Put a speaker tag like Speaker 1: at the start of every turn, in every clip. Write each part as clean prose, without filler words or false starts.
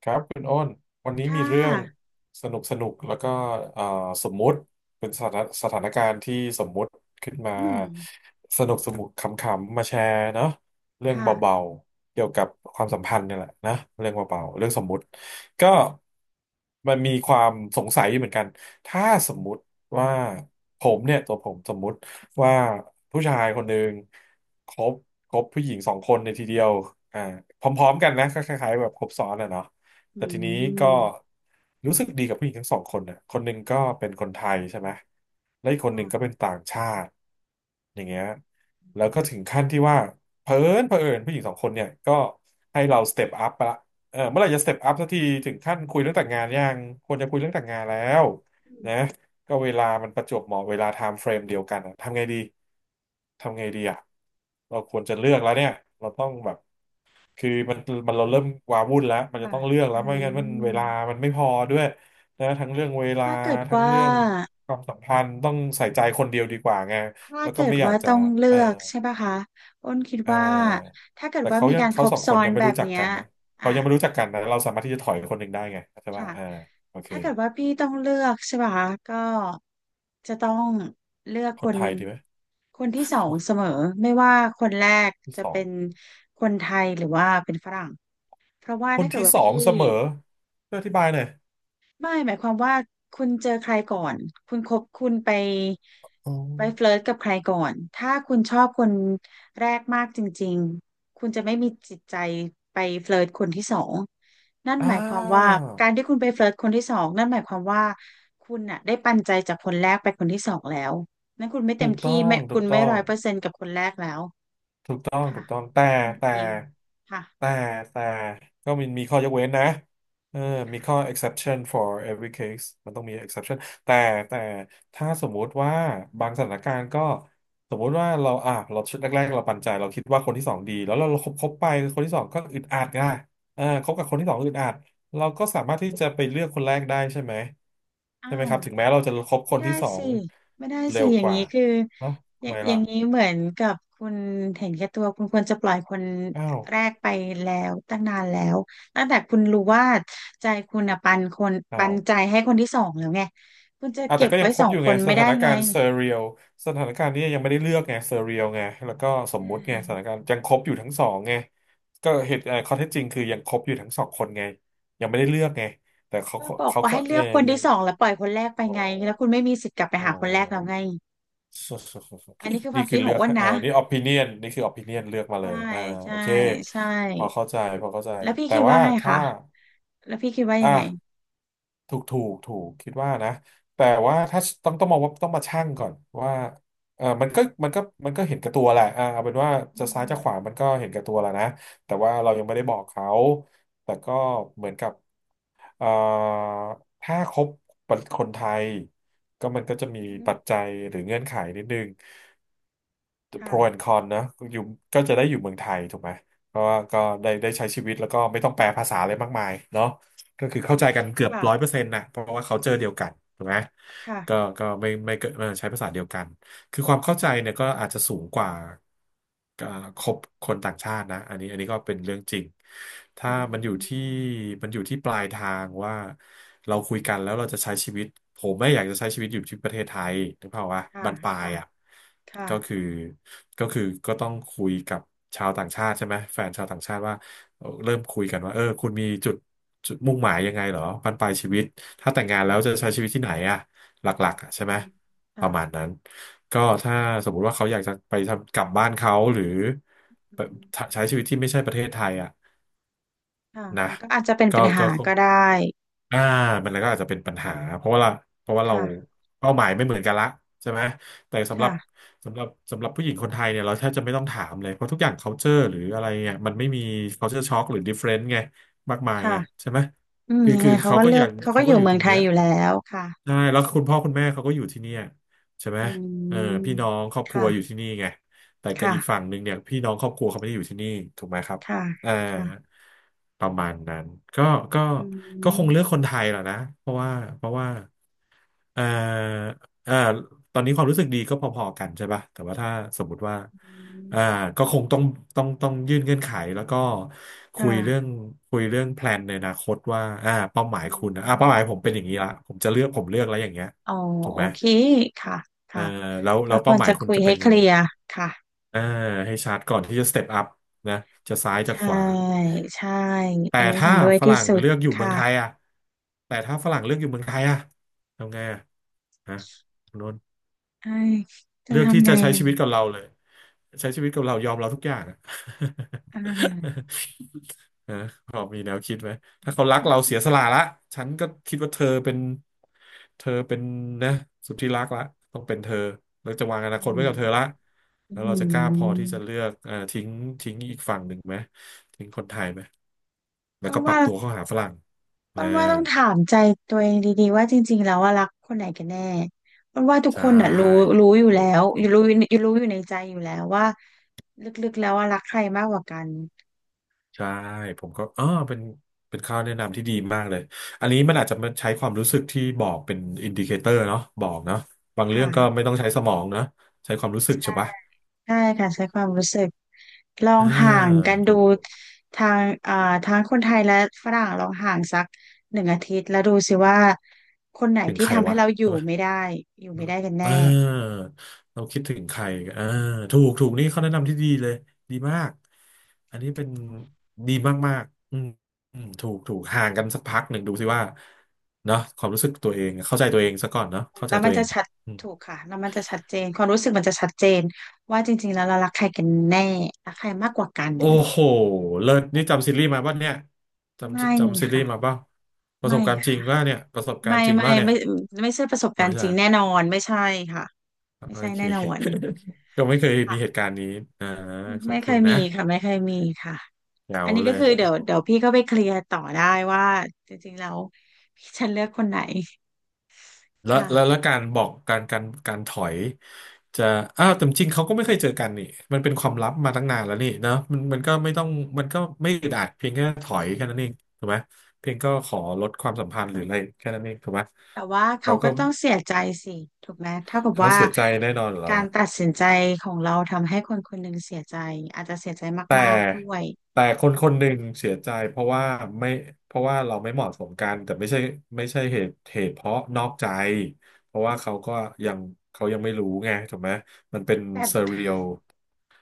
Speaker 1: ครับคุณโอ้นวันนี้
Speaker 2: ค่
Speaker 1: มีเรื่อง
Speaker 2: ะ
Speaker 1: สนุกสนุกแล้วก็เอ่อสมมุติเป็นสถานการณ์ที่สมมุติขึ้นมา
Speaker 2: อืม
Speaker 1: สนุกสนุกขำๆมาแชร์เนาะเรื่อง
Speaker 2: ค่ะ
Speaker 1: เบาๆเกี่ยวกับความสัมพันธ์เนี่ยแหละนะเรื่องเบาๆเรื่องสมมุติก็มันมีความสงสัยอยู่เหมือนกันถ้าสมมุติว่าผมเนี่ยตัวผมสมมุติว่าผู้ชายคนหนึ่งคบคบผู้หญิงสองคนในทีเดียวอ่าพร้อมๆกันนะก็คล้ายๆแบบครบซ้อนอะเนาะ
Speaker 2: อื
Speaker 1: แต่ทีนี้ก็
Speaker 2: ม
Speaker 1: รู้สึกดีกับผู้หญิงทั้งสองคนนะคนหนึ่งก็เป็นคนไทยใช่ไหมและอีกคนหนึ่งก็
Speaker 2: ค่ะ
Speaker 1: เป็นต่างชาติอย่างเงี้ย
Speaker 2: อื
Speaker 1: แล้ว
Speaker 2: ม
Speaker 1: ก็ถึงขั้นที่ว่าเผอิญผู้หญิงสองคนเนี่ยก็ให้เราสเต็ปอัพไปละเออเมื่อไหร่จะสเต็ปอัพสักทีถึงขั้นคุยเรื่องแต่งงานยังควรจะคุยเรื่องแต่งงานแล้วนะก็เวลามันประจวบเหมาะเวลาไทม์เฟรมเดียวกันอะทำไงดี ทำไงดีอะเราควรจะเลือกแล้วเนี่ยเราต้องแบบ คือมันเราเริ่มวาวุ่นแล้วมันจะ
Speaker 2: ค่ะ
Speaker 1: ต้องเลือก
Speaker 2: อื
Speaker 1: แล้วไม่งั้นมันเวลา
Speaker 2: ม
Speaker 1: มันไม่พอด้วยนะทั้งเรื่องเวลา
Speaker 2: ถ้าเกิด
Speaker 1: ทั้ง
Speaker 2: ว่า
Speaker 1: เรื่องความสัมพันธ์ต้องใส่ใจคนเดียวดีกว่าไง
Speaker 2: ถ้า
Speaker 1: แล้วก็
Speaker 2: เกิด
Speaker 1: ไม่อยา
Speaker 2: ว่า
Speaker 1: กจะ
Speaker 2: ต้องเลื
Speaker 1: เออ
Speaker 2: อกใช่ปะคะอ้นคิด
Speaker 1: เ
Speaker 2: ว่า
Speaker 1: ออ
Speaker 2: ถ้าเกิด
Speaker 1: แต่
Speaker 2: ว่า
Speaker 1: เขา
Speaker 2: มี
Speaker 1: ยัง
Speaker 2: การค
Speaker 1: เขา
Speaker 2: รบ
Speaker 1: สองค
Speaker 2: ซ้อ
Speaker 1: น
Speaker 2: น
Speaker 1: ยังไม่
Speaker 2: แบบ
Speaker 1: รู้จัก
Speaker 2: เนี้ย
Speaker 1: กันนะ
Speaker 2: อ่ะ
Speaker 1: เขายังไม่รู้จักกันนะเราสามารถที่จะถอยคนหนึ่งได้ไงใช่ป่ะ
Speaker 2: ค่ะ
Speaker 1: โอเค
Speaker 2: ถ้าเกิดว่าพี่ต้องเลือกใช่ปะคะก็จะต้องเลือก
Speaker 1: ค
Speaker 2: ค
Speaker 1: น
Speaker 2: น
Speaker 1: ไทยดีไหม
Speaker 2: คนที่สองเสมอไม่ว่าคนแรก
Speaker 1: ที่
Speaker 2: จะ
Speaker 1: สอง
Speaker 2: เป็นคนไทยหรือว่าเป็นฝรั่งเพราะว่า
Speaker 1: คน
Speaker 2: ถ้าเกิด
Speaker 1: ที่
Speaker 2: ว่า
Speaker 1: สอง
Speaker 2: พี่
Speaker 1: เสมอช่วยอธิบายหน่อย
Speaker 2: ไม่หมายความว่าคุณเจอใครก่อนคุณคบคุณไป
Speaker 1: อ๋อ
Speaker 2: ไปเฟลิร์ตกับใครก่อนถ้าคุณชอบคนแรกมากจริงๆคุณจะไม่มีจิตใจไปเฟลิร์ตคนที่สองนั่น
Speaker 1: อ่
Speaker 2: หมายความว่า
Speaker 1: า
Speaker 2: การที่คุณไปเฟลิร์ตคนที่สองนั่นหมายความว่าคุณน่ะได้ปันใจจากคนแรกไปคนที่สองแล้วนั่นคุณไม่เต็
Speaker 1: ถู
Speaker 2: ม
Speaker 1: กต้
Speaker 2: ที่
Speaker 1: อง
Speaker 2: ไม่
Speaker 1: ถู
Speaker 2: คุ
Speaker 1: ก
Speaker 2: ณ
Speaker 1: ต้
Speaker 2: ไม่
Speaker 1: อ
Speaker 2: ร้
Speaker 1: ง
Speaker 2: อยเปอร์เซ็นต์กับคนแรกแล้ว
Speaker 1: ต้องถู
Speaker 2: ค่ะ
Speaker 1: กต้อง
Speaker 2: นั่น
Speaker 1: แต่
Speaker 2: เองค่ะ
Speaker 1: แต่แต่ก็มีข้อยกเว้นนะเออมีข้อ
Speaker 2: ค่ะ
Speaker 1: exception for every case มันต้องมี exception แต่แต่ถ้าสมมุติว่าบางสถานการณ์ก็สมมุติว่าเราอ่ะเราชุดแรกๆเราปันใจเราคิดว่าคนที่สองดีแล้วเราคบไปคนที่สองก็อึดอัดไงคบกับคนที่สองอึดอัดเราก็สามารถที่จะไปเลือกคนแรกได้ใช่ไหม
Speaker 2: อ้า
Speaker 1: ใช่ไหม
Speaker 2: ว
Speaker 1: ครับถึงแม้เราจะคบค
Speaker 2: ไม่
Speaker 1: น
Speaker 2: ได้
Speaker 1: ที่สอ
Speaker 2: สิ
Speaker 1: ง
Speaker 2: ไม่ได้
Speaker 1: เร็
Speaker 2: สิ
Speaker 1: ว
Speaker 2: อย่า
Speaker 1: ก
Speaker 2: ง
Speaker 1: ว่า
Speaker 2: นี้คือ
Speaker 1: เนอะ
Speaker 2: อ
Speaker 1: ทำ
Speaker 2: ย่า
Speaker 1: ไม
Speaker 2: อย่า
Speaker 1: ล่ะ
Speaker 2: งนี้เหมือนกับคุณเห็นแก่ตัวคุณควรจะปล่อยคน
Speaker 1: อ้าว
Speaker 2: แรกไปแล้วตั้งนานแล้วตั้งแต่คุณรู้ว่าใจคุณอ่ะปันคน
Speaker 1: อ้า
Speaker 2: ปั
Speaker 1: ว
Speaker 2: นใจให้คนที่สองแล้วไงคุณจะ
Speaker 1: อ่ะ
Speaker 2: เก็
Speaker 1: แต่
Speaker 2: บ
Speaker 1: ก็ยั
Speaker 2: ไว้
Speaker 1: งคร
Speaker 2: สอ
Speaker 1: บ
Speaker 2: ง
Speaker 1: อยู่
Speaker 2: ค
Speaker 1: ไง
Speaker 2: น
Speaker 1: ส
Speaker 2: ไม่
Speaker 1: ถา
Speaker 2: ได้
Speaker 1: น
Speaker 2: ไง
Speaker 1: การณ์เซอร์เรียลสถานการณ์นี้ยังไม่ได้เลือกไงเซอร์เรียลไงแล้วก็สม
Speaker 2: อื
Speaker 1: มุติไงสถาน
Speaker 2: ม
Speaker 1: การณ์ยังครบอยู่ทั้งสองไงก็เหตุเอ่อข้อเท็จจริงคือยังครบอยู่ทั้งสองคนไงยังไม่ได้เลือกไงแต่เขา
Speaker 2: ก็
Speaker 1: ก็
Speaker 2: บอก
Speaker 1: เขา
Speaker 2: ว่า
Speaker 1: ก็
Speaker 2: ให้เลือกคน
Speaker 1: ยั
Speaker 2: ที่
Speaker 1: ง
Speaker 2: สองแล้วปล่อยคนแรกไป
Speaker 1: อ๋อ
Speaker 2: ไงแล้วคุณไม่มีสิทธิ์กลับไป
Speaker 1: อ๋อ
Speaker 2: หาคนแรกแล้วไงอันนี้คือ ควา
Speaker 1: นี่
Speaker 2: มคิ
Speaker 1: คือ
Speaker 2: ดข
Speaker 1: เลื
Speaker 2: อง
Speaker 1: อก
Speaker 2: อ้วนนะ
Speaker 1: นี่ opinion นี่คือ opinion เลือกมาเล
Speaker 2: ใช่
Speaker 1: ยโอ
Speaker 2: ใช่
Speaker 1: เค
Speaker 2: ใช่
Speaker 1: พอเข้าใจพอเข้าใจ
Speaker 2: แล้วพี่
Speaker 1: แต่
Speaker 2: คิดว่า
Speaker 1: ว่า
Speaker 2: ไง
Speaker 1: ถ้า
Speaker 2: คะแล้วพี่คิดว่ายังไง
Speaker 1: อ่ะ ถูกถูกถูกคิดว่านะแต่ว่าถ้าต้องมองว่าต้องมาชั่งก่อนว่าเออมันก็มันก็มันก็เห็นแกับตัวแหละเอาเป็นว่า
Speaker 2: อื
Speaker 1: จะซ้ายจะขวามันก็เห็นแกับตัวแล้วนะแต่ว่าเรายังไม่ได้บอกเขาแต่ก็เหมือนกับเอ่อถ้าคบคนไทยก็มันก็จะมีปัจ
Speaker 2: ม
Speaker 1: จัยหรือเงื่อนไขนิดนึง
Speaker 2: ค่ะ
Speaker 1: pro and con นคอนนะอยู่ก็จะได้อยู่เมืองไทยถูกไหมเพราะว่าก็ได้ใช้ชีวิตแล้วก็ไม่ต้องแปลภาษาอะไรมากมายเนาะก็คือเข้าใจกันเกือบ
Speaker 2: ค่ะ
Speaker 1: 100%นะเพราะว่าเขาเจอเดียวกันถูกไหม
Speaker 2: ค่ะ
Speaker 1: ก็ไม่เกิดใช้ภาษาเดียวกัน คือความเข้าใจเนี่ยก็อาจจะสูงกว่าคบคนต่างชาตินะอันนี้ก็เป็นเรื่องจริงถ้า
Speaker 2: อื
Speaker 1: มันอยู่ที่
Speaker 2: ม
Speaker 1: มันอยู่ที่ปลายทางว่าเราคุยกันแล้วเราจะใช้ชีวิตผมไม่อยากจะใช้ชีวิตอยู่ที่ประเทศไทยนึกภาพว่า
Speaker 2: ค่ะ
Speaker 1: บั้นปลาย
Speaker 2: ค่ะ
Speaker 1: อ่ะ
Speaker 2: ค่ะ
Speaker 1: ก็คือก็คือก็ต้องคุยกับชาวต่างชาติใช่ไหมแฟนชาวต่างชาติว่าเริ่มคุยกันว่าคุณมีจุดมุ่งหมายยังไงเหรอบั้นปลายชีวิตถ้าแต่งงานแล้ว
Speaker 2: ค่ะ
Speaker 1: จะใช้ชีวิตที่ไหนอ่ะหลักๆอะใช่
Speaker 2: อื
Speaker 1: ไหม
Speaker 2: ม
Speaker 1: ป
Speaker 2: ค่ะ
Speaker 1: ระมาณนั้นก็ถ้าสมมุติว่าเขาอยากจะไปทำกลับบ้านเขาหรือ
Speaker 2: อื
Speaker 1: ไปใช้
Speaker 2: ม
Speaker 1: ชีวิตที่ไม่ใช่ประเทศไทยอ่ะ
Speaker 2: ค่ะ
Speaker 1: นะ
Speaker 2: มันก็อาจจะเป็น
Speaker 1: ก็
Speaker 2: ปัญ
Speaker 1: ก็
Speaker 2: หาก็ได้
Speaker 1: อ่ามันก็อาจจะเป็นปัญหาเพราะว่าเราเพราะว่าเรา
Speaker 2: ค่ะ
Speaker 1: เป้าหมายไม่เหมือนกันละใช่ไหมแต่สำหรับ
Speaker 2: ค่ะ
Speaker 1: สำหรับสำหรับผู้หญิงคนไทยเนี่ยเราแทบจะไม่ต้องถามเลยเพราะทุกอย่าง culture หรืออะไรเนี่ยมันไม่มี culture shock หรือ difference ไงมากมาย
Speaker 2: ค่ะ
Speaker 1: ไงใช่ไหม
Speaker 2: อืม
Speaker 1: คือ
Speaker 2: ยัง
Speaker 1: คื
Speaker 2: ไง
Speaker 1: อ
Speaker 2: เขา
Speaker 1: เขา
Speaker 2: ก็
Speaker 1: ก็
Speaker 2: เลื
Speaker 1: อ
Speaker 2: อก
Speaker 1: ย่าง
Speaker 2: เขาก็
Speaker 1: เขา
Speaker 2: อ
Speaker 1: ก็
Speaker 2: ยู่
Speaker 1: อยู่
Speaker 2: เมื
Speaker 1: ต
Speaker 2: อ
Speaker 1: ร
Speaker 2: ง
Speaker 1: ง
Speaker 2: ไท
Speaker 1: เนี้
Speaker 2: ย
Speaker 1: ย
Speaker 2: อยู่แล้วค่ะ
Speaker 1: ใช่แล้วคุณพ่อคุณแม่เขาก็อยู่ที่เนี่ยใช่ไหม
Speaker 2: อื
Speaker 1: เออ
Speaker 2: ม
Speaker 1: พี่น้องครอบครัวอยู่
Speaker 2: ค่ะ
Speaker 1: ที่นี่ไงแต่กับอีก
Speaker 2: ค่ะ
Speaker 1: ฝั่งหนึ่งเนี่ยพี่น้องครอบครัวเขาไม่ได้อยู่ที่นี่ถูกไหมครับ
Speaker 2: ค่ะ
Speaker 1: เออ
Speaker 2: ค่ะ
Speaker 1: ประมาณนั้นก็ก็
Speaker 2: อื
Speaker 1: ก็
Speaker 2: ม
Speaker 1: คงเลือกคนไทยแหละนะเพราะว่าเออเออตอนนี้ความรู้สึกดีก็พอๆกันใช่ป่ะแต่ว่าถ้าสมมติว่าเออก็คงต้องยื่นเงื่อนไขแล้วก็
Speaker 2: ค
Speaker 1: คุยเรื่อง
Speaker 2: ่ะ
Speaker 1: คุยเรื่องแพลนในอนาคตว่าอ่าเป้าหมาย
Speaker 2: อื
Speaker 1: คุณอ่าเป้าหมายผม
Speaker 2: ม
Speaker 1: เป็นอย่างนี้ละผมจะเลือกผมเลือกแล้วอย่างเงี้ย
Speaker 2: อ๋อ
Speaker 1: ถูก
Speaker 2: โอ
Speaker 1: ไหม
Speaker 2: เค ค่ะ
Speaker 1: เออ
Speaker 2: ค่ะ
Speaker 1: แล้ว
Speaker 2: ก็
Speaker 1: แล้ว
Speaker 2: ค
Speaker 1: เป้า
Speaker 2: วร
Speaker 1: หมาย
Speaker 2: จะ
Speaker 1: คุณ
Speaker 2: คุย
Speaker 1: จะ
Speaker 2: ให้
Speaker 1: เป็น
Speaker 2: เค
Speaker 1: ยัง
Speaker 2: ลี
Speaker 1: ไง
Speaker 2: ยร์ค่ะ
Speaker 1: เอาให้ชัดก่อนที่จะสเต็ปอัพนะจะซ้ายจะข
Speaker 2: ใช่
Speaker 1: วา
Speaker 2: ใช่
Speaker 1: แต่
Speaker 2: อันนี้
Speaker 1: ถ้า
Speaker 2: เห็นด้วย
Speaker 1: ฝ
Speaker 2: ที่
Speaker 1: รั่ง
Speaker 2: สุด
Speaker 1: เลือกอยู่เมือง
Speaker 2: ค่ะ
Speaker 1: ไทยอ่ะแต่ถ้าฝรั่งเลือกอยู่เมืองไทยอ่ะทำไงอ่ะฮะคุณโนน
Speaker 2: เอ้ยจะ
Speaker 1: เลือกที่
Speaker 2: ทำไง
Speaker 1: จะใช้
Speaker 2: อ่ะ
Speaker 1: ชีวิตกับเราเลยใช้ชีวิตกับเรายอมเราทุกอย่างอะ
Speaker 2: อ่า
Speaker 1: นะพอมีแนวคิดไหม ถ้าเขารักเราเสียสละละฉันก็คิดว่าเธอเป็นเธอเป็นนะสุดที่รักละต้องเป็นเธอเราจะวางอนาค
Speaker 2: อื
Speaker 1: ตไว้
Speaker 2: ม
Speaker 1: กับเธอละแล้ว
Speaker 2: อื
Speaker 1: เราจะกล้าพอที่จะ
Speaker 2: ม
Speaker 1: เลือกทิ้งอีกฝั่งหนึ่งไหม ทิ้งคนไทยไหม แล้ว
Speaker 2: อ้วน
Speaker 1: ก็ปรั
Speaker 2: ว่า
Speaker 1: บตัวเข้าหาฝรั่ง
Speaker 2: อ้
Speaker 1: อ่า
Speaker 2: วนว่าต้องถามใจตัวเองดีๆว่าจริงๆแล้วว่ารักคนไหนกันแน่อ้วนว่าทุก
Speaker 1: ใช
Speaker 2: คนอ่ะรู้
Speaker 1: ่
Speaker 2: รู้อยู่
Speaker 1: ถู
Speaker 2: แล้
Speaker 1: ก
Speaker 2: วอ
Speaker 1: ถู
Speaker 2: ยู่
Speaker 1: ก
Speaker 2: รู้อยู่รู้อยู่ในใจอยู่แล้วว่าลึกๆแล้วว่ารักใครมากกว่ากัน
Speaker 1: ใช่ผมก็อ๋อเป็นข้อแนะนำที่ดีมากเลยอันนี้มันอาจจะมาใช้ความรู้สึกที่บอกเป็นอินดิเคเตอร์เนาะบอกเนาะบางเรื่องก็
Speaker 2: ค่ะ
Speaker 1: ไม่ต้องใช้สมองนะใช้ความรู้สึกใช่ปะ
Speaker 2: ใช่ค่ะใช้ความรู้สึกลอง
Speaker 1: อ่า
Speaker 2: ห่างกันดู
Speaker 1: ถูกถูก
Speaker 2: ทางอ่าทั้งคนไทยและฝรั่งลองห่างสักหนึ่งอาทิตย์แล้วดูสิว่าคนไหน
Speaker 1: ถึง
Speaker 2: ที่
Speaker 1: ใคร
Speaker 2: ทำให้
Speaker 1: วะ
Speaker 2: เราอยู่
Speaker 1: ใช่ไหม
Speaker 2: ไม่ได้อยู่ไม่ได้กันแน่
Speaker 1: อ่าเราคิดถึงใครอ่าถูกถูกนี่เข้อแนะนำที่ดีเลยดีมากอันนี้เป็นดีมากๆอืมอืมถูกถูกห่างกันสักพักหนึ่งดูสิว่าเนาะความรู้สึกตัวเองเข้าใจตัวเองซะก่อนเนาะเข้าใจ
Speaker 2: แล้วมั
Speaker 1: ตัว
Speaker 2: น
Speaker 1: เอ
Speaker 2: จะ
Speaker 1: ง
Speaker 2: ชัดถูกค่ะแล้วมันจะชัดเจนความรู้สึกมันจะชัดเจนว่าจริงๆแล้วเรารักใครกันแน่รักใครมากกว่ากัน
Speaker 1: โอ้โหเลิศนี่จำซีรีส์มาป่ะเนี่ยจ
Speaker 2: ไม่
Speaker 1: ำจำซีรี
Speaker 2: ค่ะ
Speaker 1: ส์มาป่ะประส
Speaker 2: ไม่
Speaker 1: บการณ์จริง
Speaker 2: ค่ะ
Speaker 1: ว่าเนี่ยประสบการ
Speaker 2: ไม่
Speaker 1: ณ์จริง
Speaker 2: ไม่
Speaker 1: ว่าเนี่ย
Speaker 2: ไม่ไม่ใช่ประสบ
Speaker 1: อ๋อ
Speaker 2: การ
Speaker 1: ไม่
Speaker 2: ณ์จ
Speaker 1: ใช่
Speaker 2: ริงแน่นอนไม่ใช่ค่ะไม่
Speaker 1: โอ
Speaker 2: ใช่
Speaker 1: เค
Speaker 2: แน่นอน
Speaker 1: ก็ไม่เคยมีเหตุ
Speaker 2: ค่ะ
Speaker 1: การณ์นี้อ่าขอ
Speaker 2: ไม่
Speaker 1: บ
Speaker 2: เค
Speaker 1: คุณ
Speaker 2: ยมี
Speaker 1: นะ
Speaker 2: ค่ะไม่เคยมีค่ะ
Speaker 1: แจ๋
Speaker 2: อั
Speaker 1: ว
Speaker 2: นนี้
Speaker 1: เล
Speaker 2: ก็
Speaker 1: ย
Speaker 2: คือเดี๋ยวเดี๋ยวพี่ก็ไปเคลียร์ต่อได้ว่าจริงๆแล้วพี่ฉันเลือกคนไหน
Speaker 1: แล้ว
Speaker 2: ค่ะ
Speaker 1: แล้วแล้วการบอกการถอยจะอ้าวแต่จริงเขาก็ไม่เคยเจอกันนี่มันเป็นความลับมาตั้งนานแล้วนี่เนอะมันก็ไม่ต้องมันก็ไม่อึดอัดเพียงแค่ถอยแค่นั้นเองถูกไหมเพียงก็ขอลดความสัมพันธ์หรืออะไรแค่นั้นเองถูกไหม
Speaker 2: แต่ว่าเขา
Speaker 1: เขา
Speaker 2: ก็
Speaker 1: ก็
Speaker 2: ต้องเสียใจสิถูกไหมเท่ากับ
Speaker 1: เขา
Speaker 2: ว่า
Speaker 1: เสียใจแน่นอนอยู่แล้ว
Speaker 2: การ
Speaker 1: ล่ะ
Speaker 2: ตัดสินใจของเราทำให้คนคนหนึ่งเสียใจอาจจะเสียใจ
Speaker 1: แต่
Speaker 2: มากๆด้วย
Speaker 1: แต่คนคนหนึ่งเสียใจเพราะว่าไม่เพราะว่าเราไม่เหมาะสมกันแต่ไม่ใช่ไม่ใช่เหตุเพราะนอกใจเพราะว่าเขาก็ยังเขายังไม่รู้ไงถูกไหมมันเป็น
Speaker 2: แต่
Speaker 1: เซเรียล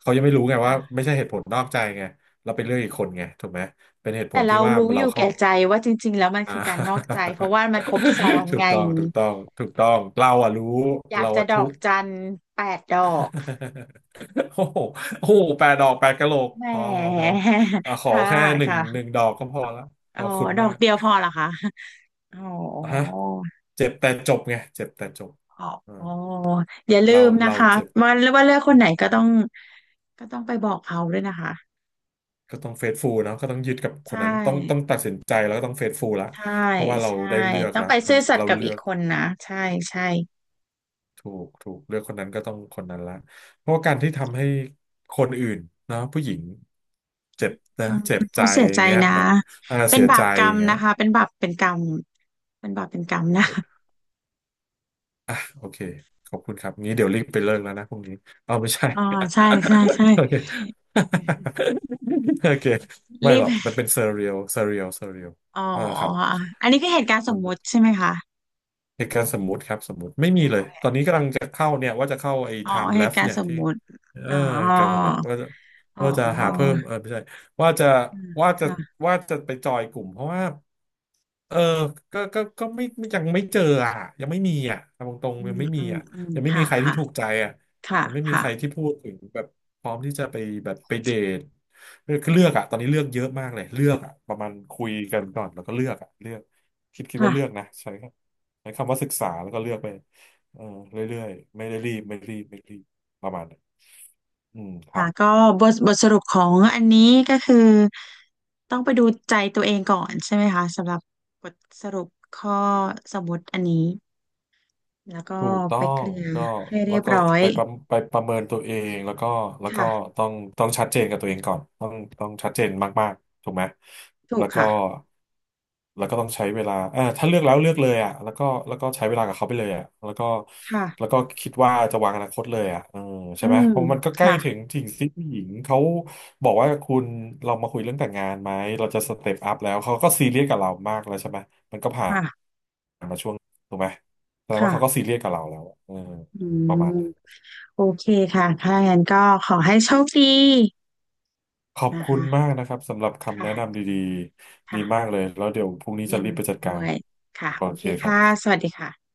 Speaker 1: เขายังไม่รู้ไงว่า
Speaker 2: ค่ะ
Speaker 1: ไม่ใช่เหตุผลนอกใจไงเราไปเลือกอีกคนไงถูกไหมเป็นเหตุผ
Speaker 2: แต่
Speaker 1: ลที่
Speaker 2: เรา
Speaker 1: ว่า
Speaker 2: รู้อ
Speaker 1: เรา
Speaker 2: ยู่
Speaker 1: เข้า
Speaker 2: แก่ใจว่าจริงๆแล้วมัน
Speaker 1: อ่
Speaker 2: คือการนอกใจ
Speaker 1: า
Speaker 2: เพราะว่ามันครบซ้อน
Speaker 1: ถู
Speaker 2: ไง
Speaker 1: กต้องถูกต้องถูกต้องเราอะรู้
Speaker 2: อยาก
Speaker 1: เรา
Speaker 2: จะ
Speaker 1: อะ
Speaker 2: ดอ
Speaker 1: ทุ
Speaker 2: ก
Speaker 1: กข์
Speaker 2: จันแปดดอก
Speaker 1: โอ้โหโอ้โหแปดดอกแปดกะโหลก
Speaker 2: แหม
Speaker 1: พอพอพอ อ่ะขอ
Speaker 2: ค่ะ
Speaker 1: แค่หนึ่ง
Speaker 2: ค่ะ
Speaker 1: ดอกก็พอละข
Speaker 2: อ๋อ
Speaker 1: อบคุณ
Speaker 2: ดอ
Speaker 1: มา
Speaker 2: ก
Speaker 1: ก
Speaker 2: เดียวพอเหรอคะอ๋อ
Speaker 1: อ่ะฮะเจ็บแต่จบไงเจ็บแต่จบ
Speaker 2: อ๋อ
Speaker 1: อ่า
Speaker 2: อ๋ออย่าลื
Speaker 1: เรา
Speaker 2: มนะ
Speaker 1: เรา
Speaker 2: คะ
Speaker 1: เจ็บ
Speaker 2: ว่าว่าเลือกคนไหนก็ต้องก็ต้องไปบอกเขาด้วยนะคะ
Speaker 1: ก็ต้องเฟซฟูลเนาะก็ต้องยึดกับค
Speaker 2: ใช่
Speaker 1: นนั้นต้องต้องตัดสินใจแล้วก็ต้องเฟซฟูลละ
Speaker 2: ใช่
Speaker 1: เพราะว่าเรา
Speaker 2: ใช่
Speaker 1: ได้เลือก
Speaker 2: ต้อง
Speaker 1: ละ
Speaker 2: ไป
Speaker 1: มั
Speaker 2: ซื่
Speaker 1: น
Speaker 2: อสัต
Speaker 1: เรา
Speaker 2: ย์กับ
Speaker 1: เลื
Speaker 2: อี
Speaker 1: อ
Speaker 2: ก
Speaker 1: ก
Speaker 2: คนนะใช่ใช่
Speaker 1: ถูกถูกเลือกคนนั้นก็ต้องคนนั้นละเพราะว่าการที่ทำให้คนอื่นเนาะผู้หญิงเจ็บนะ
Speaker 2: เขา
Speaker 1: เจ็บใจ
Speaker 2: เขาเสีย
Speaker 1: อ
Speaker 2: ใจ
Speaker 1: ย่างเงี้ย
Speaker 2: นะ
Speaker 1: มันอ่า
Speaker 2: เป็น
Speaker 1: เสีย
Speaker 2: บา
Speaker 1: ใจ
Speaker 2: ปกร
Speaker 1: อ
Speaker 2: รม
Speaker 1: ย่างเงี้ย
Speaker 2: นะคะเป็นบาปเป็นกรรมเป็นบาปเป็นกรรมนะ
Speaker 1: โอเค ขอบคุณครับงี้เดี๋ยวรีบไปเลิกแล้วนะพรุ่งนี้ เอาไม่ใช่
Speaker 2: อ๋อใช่ใช่ใช่
Speaker 1: โอเค โอเค ไม่
Speaker 2: รี
Speaker 1: หร
Speaker 2: บ
Speaker 1: อก มันเป็นเซอร์เรียลเซอร์เรียลเซอร์เรียล
Speaker 2: อ๋อ
Speaker 1: อ่าครับ
Speaker 2: อันนี้คือเหตุการณ์ส
Speaker 1: มั
Speaker 2: ม
Speaker 1: น
Speaker 2: มุติใช่ไหมคะ
Speaker 1: เหตุการณ์สมมุติครับสมมุติไม่มี
Speaker 2: อ๋
Speaker 1: เลย
Speaker 2: อ
Speaker 1: ตอนนี้กำลังจะเข้าเนี่ยว่าจะเข้าไอ้ time
Speaker 2: เห
Speaker 1: l e
Speaker 2: ตุ
Speaker 1: f
Speaker 2: การ
Speaker 1: เนี่
Speaker 2: ณ์
Speaker 1: ย
Speaker 2: สม
Speaker 1: ที่
Speaker 2: มุติ
Speaker 1: เออ
Speaker 2: อ๋อ
Speaker 1: การสำหรับว่าจะ
Speaker 2: อ๋
Speaker 1: หาเพิ่
Speaker 2: อ
Speaker 1: มเออไม่ใช่ว่าจะ
Speaker 2: อืม
Speaker 1: ว่าจะ
Speaker 2: ค่ะ
Speaker 1: ว่าจะไปจอยกลุ่มเพราะว่าเออก็ไม่ยังไม่เจออ่ะยังไม่มีอ่ะตรงตรง
Speaker 2: อื
Speaker 1: ๆยัง
Speaker 2: ม
Speaker 1: ไม่มี
Speaker 2: อืม
Speaker 1: อ่ะ
Speaker 2: อืม
Speaker 1: ยังไม่มี
Speaker 2: ค่ะ
Speaker 1: ใครที่
Speaker 2: ค่ะ
Speaker 1: ถูกใจอ่ะ
Speaker 2: ค่ะ
Speaker 1: ยังไม่มี
Speaker 2: ค่ะ
Speaker 1: ใครที่พูดถึงแบบพร้อมที่จะไปแบบไปเดทคือเลือกอ่ะตอนนี้เลือกเยอะมากเลยเลือกอ่ะประมาณคุยกันก่อนแล้วก็เลือกอ่ะเลือกคิด
Speaker 2: ค่ะ
Speaker 1: ว่าเลือกนะใช่ ใช้คำว่าศึกษาแล้วก็เลือกไปเออเรื่อยๆไม่ได้รีบไม่รีบไม่รีบประมาณนั้นอืมครั
Speaker 2: ค่ะ
Speaker 1: บ
Speaker 2: ก็บทบทสรุปของอันนี้ก็คือต้องไปดูใจตัวเองก่อนใช่ไหมคะสำหรับบทสรุปข้อสมมติอันนี้แล้วก็
Speaker 1: ถูกต้อ
Speaker 2: ไปเค
Speaker 1: ง
Speaker 2: ลียร์
Speaker 1: ก็
Speaker 2: ให้เรี
Speaker 1: แล้ว
Speaker 2: ยบ
Speaker 1: ก็
Speaker 2: ร้อย
Speaker 1: ไปประเมินตัวเองแล้วก็แล้วก็
Speaker 2: ค่ะ
Speaker 1: ต้องชัดเจนกับตัวเองก่อนต้องต้องชัดเจนมากๆถูกไหม
Speaker 2: ถู
Speaker 1: แล้
Speaker 2: ก
Speaker 1: วก็
Speaker 2: ค่ะ
Speaker 1: แล้วก็ต้องใช้เวลาเออถ้าเลือกแล้วเลือกเลยอ่ะแล้วก็แล้วก็ใช้เวลากับเขาไปเลยอ่ะแล้วก็แล้ว
Speaker 2: ค่ะ
Speaker 1: ก็คิดว่าจะวางอนาคตเลยอ่ะเออใช่
Speaker 2: อื
Speaker 1: ไหม
Speaker 2: ม
Speaker 1: เพราะมันก็ใกล้
Speaker 2: ค่ะ
Speaker 1: ถึงสิ่งที่ผู้หญิงเขาบอกว่าคุณเรามาคุยเรื่องแต่งงานไหมเราจะสเต็ปอัพแล้วเขาก็ซีเรียสกับเรามากแล้วใช่ไหมมันก็ผ่าน
Speaker 2: ค่ะ
Speaker 1: มาช่วงถูกไหม แสดง
Speaker 2: ค่ะ
Speaker 1: ว่าเขาก็ซีเรียสกับเราแล้วเออ
Speaker 2: อื
Speaker 1: ประมาณ
Speaker 2: ม
Speaker 1: นั้น
Speaker 2: โอเคค่ะถ้าอย่างนั้นก็ขอให้โชคดี
Speaker 1: ขอบ
Speaker 2: นะ
Speaker 1: คุณ
Speaker 2: คะ
Speaker 1: มากนะครับสำหรับ
Speaker 2: ค
Speaker 1: คำแนะนำ
Speaker 2: ่ะ
Speaker 1: ดีๆดีมาก
Speaker 2: ค่ะ
Speaker 1: เลยแล้วเดี๋ยวพรุ่งนี้จะ
Speaker 2: ยิน
Speaker 1: รีบไป
Speaker 2: ดี
Speaker 1: จัดกา
Speaker 2: ด้ว
Speaker 1: ร
Speaker 2: ยค่ะ
Speaker 1: โอ
Speaker 2: โอ
Speaker 1: เค
Speaker 2: เค
Speaker 1: ครับ
Speaker 2: ค่ะสวัสดีค่ะ